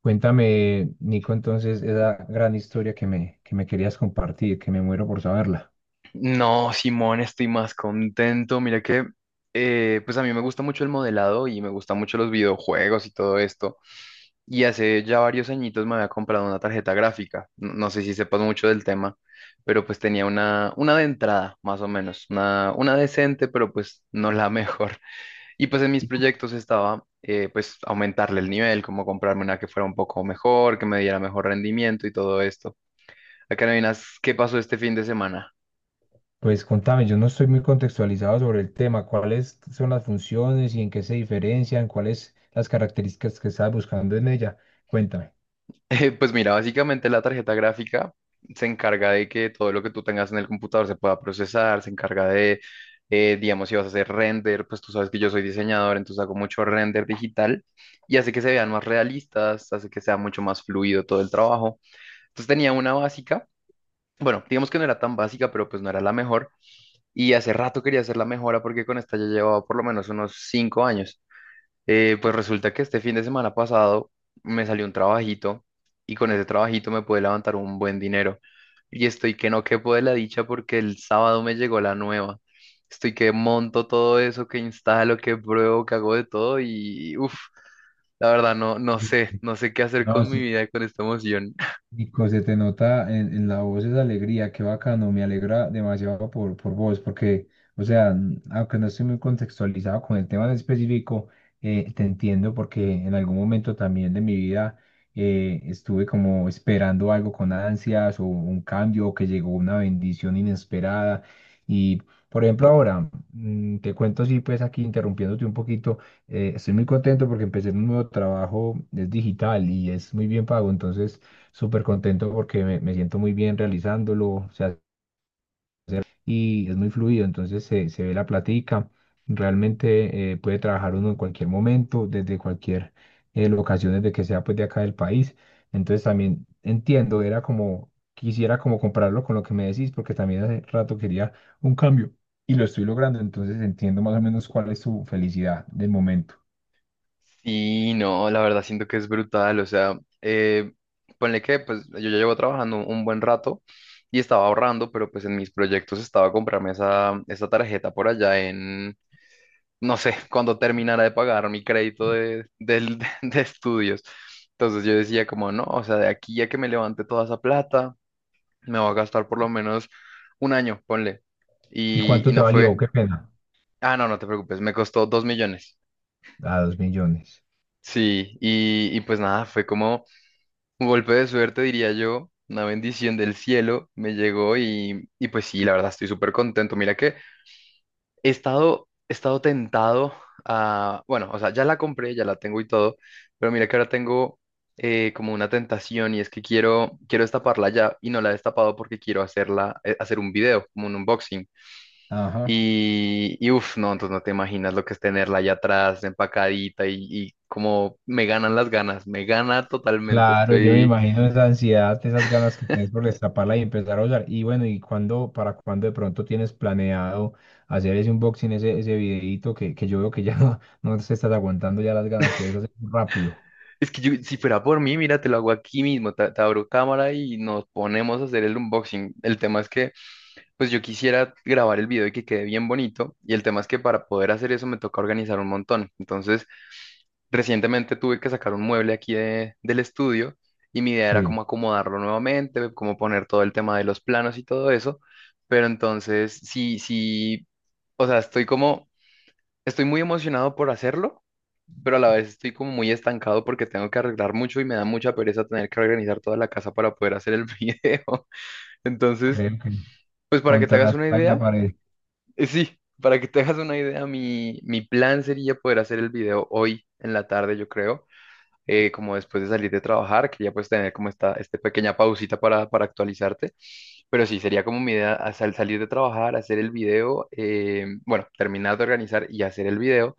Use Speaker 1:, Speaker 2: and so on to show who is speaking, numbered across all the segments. Speaker 1: Cuéntame, Nico, entonces esa gran historia que me querías compartir, que me muero por saberla.
Speaker 2: No, Simón, estoy más contento. Mira que, pues a mí me gusta mucho el modelado y me gustan mucho los videojuegos y todo esto. Y hace ya varios añitos me había comprado una tarjeta gráfica. No sé si sepas mucho del tema, pero pues tenía una de entrada, más o menos. Una decente, pero pues no la mejor. Y pues en mis
Speaker 1: Y cu-
Speaker 2: proyectos estaba, pues aumentarle el nivel, como comprarme una que fuera un poco mejor, que me diera mejor rendimiento y todo esto. Acá no adivinas qué pasó este fin de semana.
Speaker 1: pues contame, yo no estoy muy contextualizado sobre el tema, cuáles son las funciones y en qué se diferencian, cuáles las características que estás buscando en ella. Cuéntame.
Speaker 2: Pues mira, básicamente la tarjeta gráfica se encarga de que todo lo que tú tengas en el computador se pueda procesar, se encarga de, digamos, si vas a hacer render, pues tú sabes que yo soy diseñador, entonces hago mucho render digital y hace que se vean más realistas, hace que sea mucho más fluido todo el trabajo. Entonces tenía una básica, bueno, digamos que no era tan básica, pero pues no era la mejor y hace rato quería hacer la mejora porque con esta ya llevaba por lo menos unos 5 años. Pues resulta que este fin de semana pasado me salió un trabajito y con ese trabajito me pude levantar un buen dinero. Y estoy que no quepo de la dicha porque el sábado me llegó la nueva. Estoy que monto todo eso, que instalo, que pruebo, que hago de todo y uff, la verdad no, no sé,
Speaker 1: Listo.
Speaker 2: no sé qué hacer
Speaker 1: No,
Speaker 2: con mi
Speaker 1: sí,
Speaker 2: vida con esta emoción.
Speaker 1: Nico, se te nota en la voz esa alegría, qué bacano, me alegra demasiado por vos, porque, o sea, aunque no estoy muy contextualizado con el tema en específico, te entiendo porque en algún momento también de mi vida estuve como esperando algo con ansias o un cambio o que llegó una bendición inesperada. Y, por ejemplo, ahora, te cuento, sí, pues aquí interrumpiéndote un poquito, estoy muy contento porque empecé en un nuevo trabajo, es digital y es muy bien pago, entonces súper contento porque me siento muy bien realizándolo, o sea, y es muy fluido, entonces se ve la platica, realmente puede trabajar uno en cualquier momento, desde cualquier locación, desde que sea pues de acá del país, entonces también entiendo, era como, quisiera como compararlo con lo que me decís, porque también hace rato quería un cambio y lo estoy logrando, entonces entiendo más o menos cuál es su felicidad del momento.
Speaker 2: Sí, no, la verdad siento que es brutal, o sea, ponle que pues yo ya llevo trabajando un buen rato y estaba ahorrando, pero pues en mis proyectos estaba comprarme esa tarjeta por allá en, no sé, cuando terminara de pagar mi crédito del- de estudios. Entonces yo decía como, no, o sea, de aquí a que me levante toda esa plata, me voy a gastar por lo menos 1 año, ponle.
Speaker 1: ¿Y
Speaker 2: Y,
Speaker 1: cuánto
Speaker 2: y
Speaker 1: te
Speaker 2: no
Speaker 1: sí valió?
Speaker 2: fue,
Speaker 1: Qué pena.
Speaker 2: ah, no te preocupes, me costó 2 millones.
Speaker 1: A 2 millones.
Speaker 2: Sí, y pues nada, fue como... Un golpe de suerte, diría yo, una bendición del cielo me llegó y pues sí, la verdad estoy súper contento. Mira que he estado tentado a, bueno, o sea, ya la compré, ya la tengo y todo, pero mira que ahora tengo como una tentación y es que quiero destaparla ya y no la he destapado porque quiero hacerla, hacer un video, como un unboxing.
Speaker 1: Ajá.
Speaker 2: Y uff, no, entonces no te imaginas lo que es tenerla allá atrás, empacadita y como me ganan las ganas, me gana totalmente,
Speaker 1: Claro, yo me
Speaker 2: estoy...
Speaker 1: imagino esa ansiedad, esas ganas que tienes por destaparla y empezar a usar. Y bueno, ¿y cuándo, para cuándo de pronto tienes planeado hacer ese unboxing, ese videíto que yo veo que ya no, no te estás aguantando ya las ganas de hacer rápido?
Speaker 2: Es que yo, si fuera por mí, mira, te lo hago aquí mismo, te abro cámara y nos ponemos a hacer el unboxing. El tema es que, pues yo quisiera grabar el video y que quede bien bonito, y el tema es que para poder hacer eso me toca organizar un montón. Entonces, recientemente tuve que sacar un mueble aquí de- del estudio y mi idea era
Speaker 1: Sí,
Speaker 2: como acomodarlo nuevamente, como poner todo el tema de los planos y todo eso, pero entonces sí, sí, o sea, estoy como, estoy muy emocionado por hacerlo pero a la vez estoy como muy estancado porque tengo que arreglar mucho y me da mucha pereza tener que organizar toda la casa para poder hacer el video. Entonces,
Speaker 1: creo que
Speaker 2: pues para que te
Speaker 1: contra la
Speaker 2: hagas una
Speaker 1: espalda y la
Speaker 2: idea,
Speaker 1: pared.
Speaker 2: sí, para que te hagas una idea, mi plan sería poder hacer el video hoy en la tarde, yo creo, como después de salir de trabajar, quería pues tener como esta pequeña pausita para actualizarte. Pero sí, sería como mi idea as- al salir de trabajar, hacer el video, bueno, terminar de organizar y hacer el video,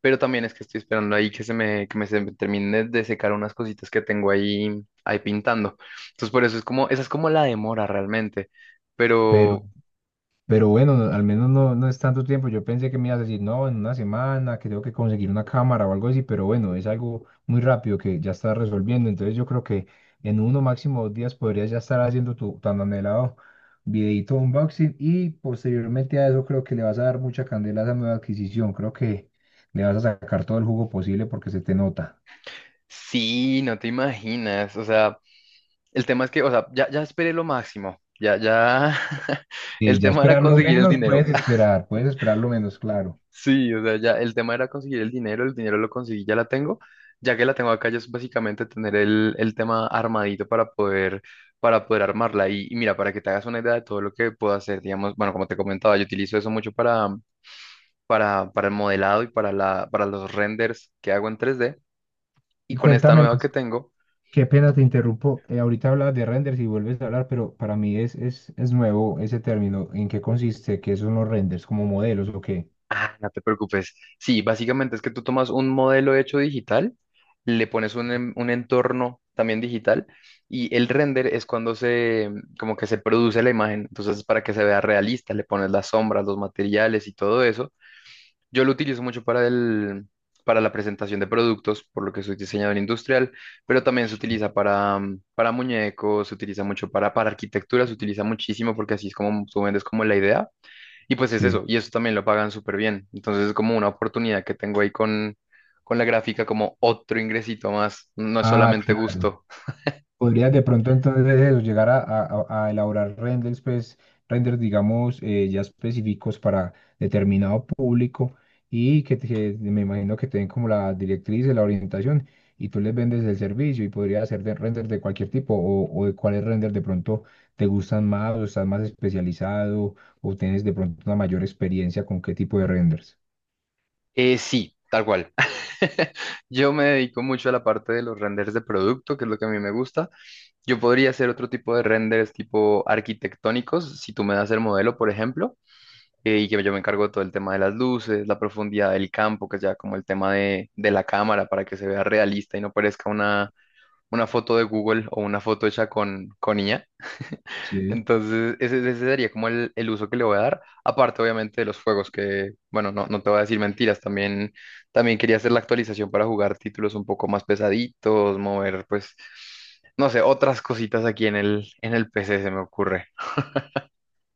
Speaker 2: pero también es que estoy esperando ahí que se me, se me termine de secar unas cositas que tengo ahí, ahí pintando. Entonces, por eso es como, esa es como la demora realmente, pero
Speaker 1: Pero bueno, al menos no, no es tanto tiempo. Yo pensé que me ibas a decir, no, en una semana, que tengo que conseguir una cámara o algo así, pero bueno, es algo muy rápido que ya estás resolviendo. Entonces yo creo que en uno máximo 2 días podrías ya estar haciendo tu tan anhelado videito unboxing y posteriormente a eso creo que le vas a dar mucha candela a esa nueva adquisición. Creo que le vas a sacar todo el jugo posible porque se te nota.
Speaker 2: sí, no te imaginas, o sea, el tema es que, o sea, ya esperé lo máximo, ya, ya,
Speaker 1: Y
Speaker 2: el
Speaker 1: ya
Speaker 2: tema era
Speaker 1: esperar lo
Speaker 2: conseguir el
Speaker 1: menos,
Speaker 2: dinero.
Speaker 1: puedes esperar lo menos, claro.
Speaker 2: Sí, o sea, ya el tema era conseguir el dinero lo conseguí, ya la tengo. Ya que la tengo acá, ya es básicamente tener el tema armadito para poder armarla. Y mira, para que te hagas una idea de todo lo que puedo hacer, digamos, bueno, como te comentaba, yo utilizo eso mucho para el modelado y para para los renders que hago en tres d. Y
Speaker 1: Y
Speaker 2: con esta
Speaker 1: cuéntame
Speaker 2: nueva
Speaker 1: más.
Speaker 2: que tengo,
Speaker 1: Qué pena te interrumpo. Ahorita hablabas de renders y vuelves a hablar, pero para mí es nuevo ese término. ¿En qué consiste? ¿Qué son los renders? ¿Como modelos o qué?
Speaker 2: no te preocupes. Sí, básicamente es que tú tomas un modelo hecho digital, le pones un, en- un entorno también digital y el render es cuando se, como que se produce la imagen. Entonces, para que se vea realista, le pones las sombras, los materiales y todo eso. Yo lo utilizo mucho para el, para la presentación de productos, por lo que soy diseñador industrial, pero también se utiliza para, para muñecos, se utiliza mucho para arquitectura, se utiliza muchísimo porque así es como tú vendes como la idea. Y pues es
Speaker 1: Sí.
Speaker 2: eso, y eso también lo pagan súper bien. Entonces es como una oportunidad que tengo ahí con la gráfica, como otro ingresito más, no es
Speaker 1: Ah,
Speaker 2: solamente
Speaker 1: claro.
Speaker 2: gusto.
Speaker 1: Podrías de pronto entonces eso, llegar a a elaborar renders, pues, renders, digamos, ya específicos para determinado público y que, que me imagino que te den como la directriz, la orientación y tú les vendes el servicio y podría hacer de renders de cualquier tipo o de cuáles renders de pronto te gustan más o estás más especializado o tienes de pronto una mayor experiencia con qué tipo de renders.
Speaker 2: Sí, tal cual. Yo me dedico mucho a la parte de los renders de producto, que es lo que a mí me gusta. Yo podría hacer otro tipo de renders tipo arquitectónicos, si tú me das el modelo, por ejemplo, y que yo me encargo de todo el tema de las luces, la profundidad del campo, que es ya como el tema de la cámara para que se vea realista y no parezca una foto de Google o una foto hecha con IA.
Speaker 1: Sí,
Speaker 2: Entonces, ese sería como el uso que le voy a dar, aparte obviamente de los juegos, que bueno, no, no te voy a decir mentiras, también, también quería hacer la actualización para jugar títulos un poco más pesaditos, mover pues, no sé, otras cositas aquí en el PC se me ocurre.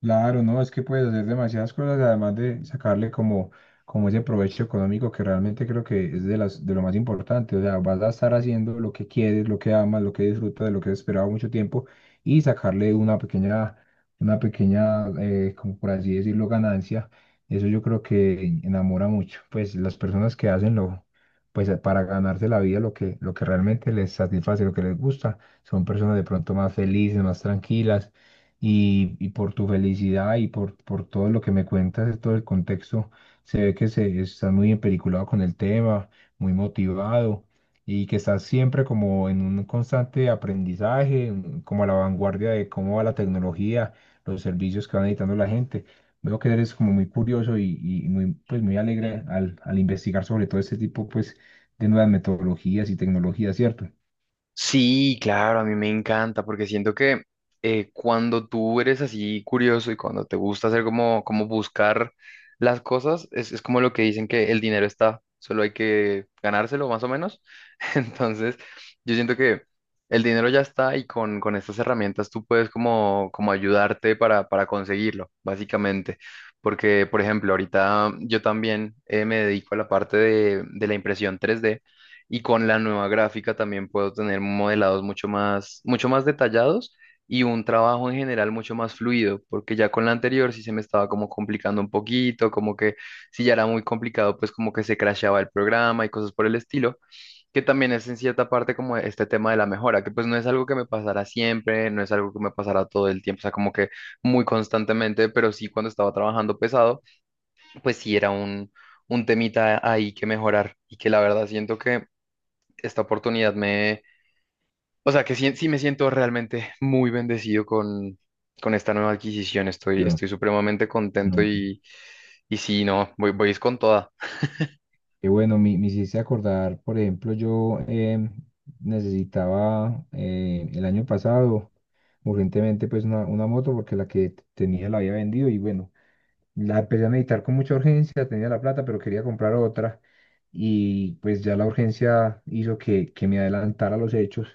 Speaker 1: claro, no, es que puedes hacer demasiadas cosas, además de sacarle como, como ese provecho económico que realmente creo que es de las, de lo más importante. O sea, vas a estar haciendo lo que quieres, lo que amas, lo que disfrutas, de lo que has esperado mucho tiempo y sacarle una pequeña, como por así decirlo, ganancia. Eso yo creo que enamora mucho. Pues las personas que hacen lo, pues para ganarse la vida, lo que realmente les satisface, lo que les gusta, son personas de pronto más felices, más tranquilas y por tu felicidad y por todo lo que me cuentas, de todo el contexto, se ve que se, estás muy empeliculado con el tema, muy motivado y que estás siempre como en un constante aprendizaje, como a la vanguardia de cómo va la tecnología, los servicios que va necesitando la gente. Veo que eres como muy curioso y muy, pues muy alegre al, al investigar sobre todo este tipo pues, de nuevas metodologías y tecnologías, ¿cierto?
Speaker 2: Sí, claro, a mí me encanta porque siento que cuando tú eres así curioso y cuando te gusta hacer como, como buscar las cosas, es como lo que dicen que el dinero está, solo hay que ganárselo más o menos. Entonces, yo siento que el dinero ya está y con estas herramientas tú puedes como, como ayudarte para conseguirlo, básicamente. Porque, por ejemplo, ahorita yo también me dedico a la parte de la impresión 3D y con la nueva gráfica también puedo tener modelados mucho más detallados y un trabajo en general mucho más fluido, porque ya con la anterior sí se me estaba como complicando un poquito, como que si ya era muy complicado, pues como que se crasheaba el programa y cosas por el estilo, que también es en cierta parte como este tema de la mejora, que pues no es algo que me pasara siempre, no es algo que me pasara todo el tiempo, o sea, como que muy constantemente, pero sí cuando estaba trabajando pesado, pues sí era un temita ahí que mejorar y que la verdad siento que esta oportunidad me, o sea, que sí, sí me siento realmente muy bendecido con esta nueva adquisición.
Speaker 1: Yo,
Speaker 2: Estoy supremamente contento
Speaker 1: no.
Speaker 2: y sí, no, voy es con toda.
Speaker 1: Y bueno, me hiciste acordar, por ejemplo, yo necesitaba el año pasado urgentemente pues una moto porque la que tenía la había vendido y bueno, la empecé a meditar con mucha urgencia, tenía la plata, pero quería comprar otra y pues ya la urgencia hizo que me adelantara los hechos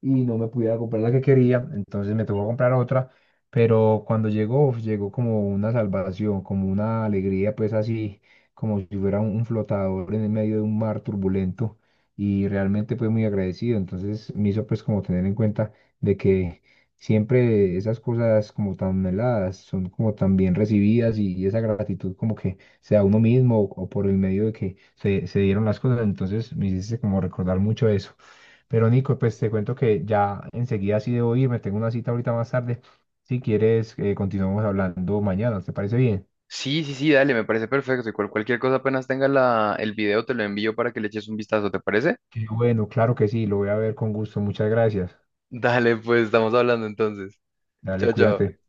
Speaker 1: y no me pudiera comprar la que quería, entonces me tocó comprar otra, pero cuando llegó, uf, llegó como una salvación, como una alegría, pues así, como si fuera un flotador en el medio de un mar turbulento y realmente pues muy agradecido, entonces me hizo pues como tener en cuenta de que siempre esas cosas como tan anheladas son como tan bien recibidas y esa gratitud como que sea uno mismo o por el medio de que se dieron las cosas, entonces me hiciste como recordar mucho eso. Pero Nico, pues te cuento que ya enseguida sí debo irme, tengo una cita ahorita más tarde. Si quieres, continuamos hablando mañana, ¿te parece bien?
Speaker 2: Sí, sí, sí, dale, me parece perfecto. Y cual- cualquier cosa apenas tenga la, el video, te lo envío para que le eches un vistazo, ¿te parece?
Speaker 1: Qué bueno, claro que sí, lo voy a ver con gusto, muchas gracias.
Speaker 2: Dale, pues estamos hablando entonces.
Speaker 1: Dale,
Speaker 2: Chao, chao.
Speaker 1: cuídate.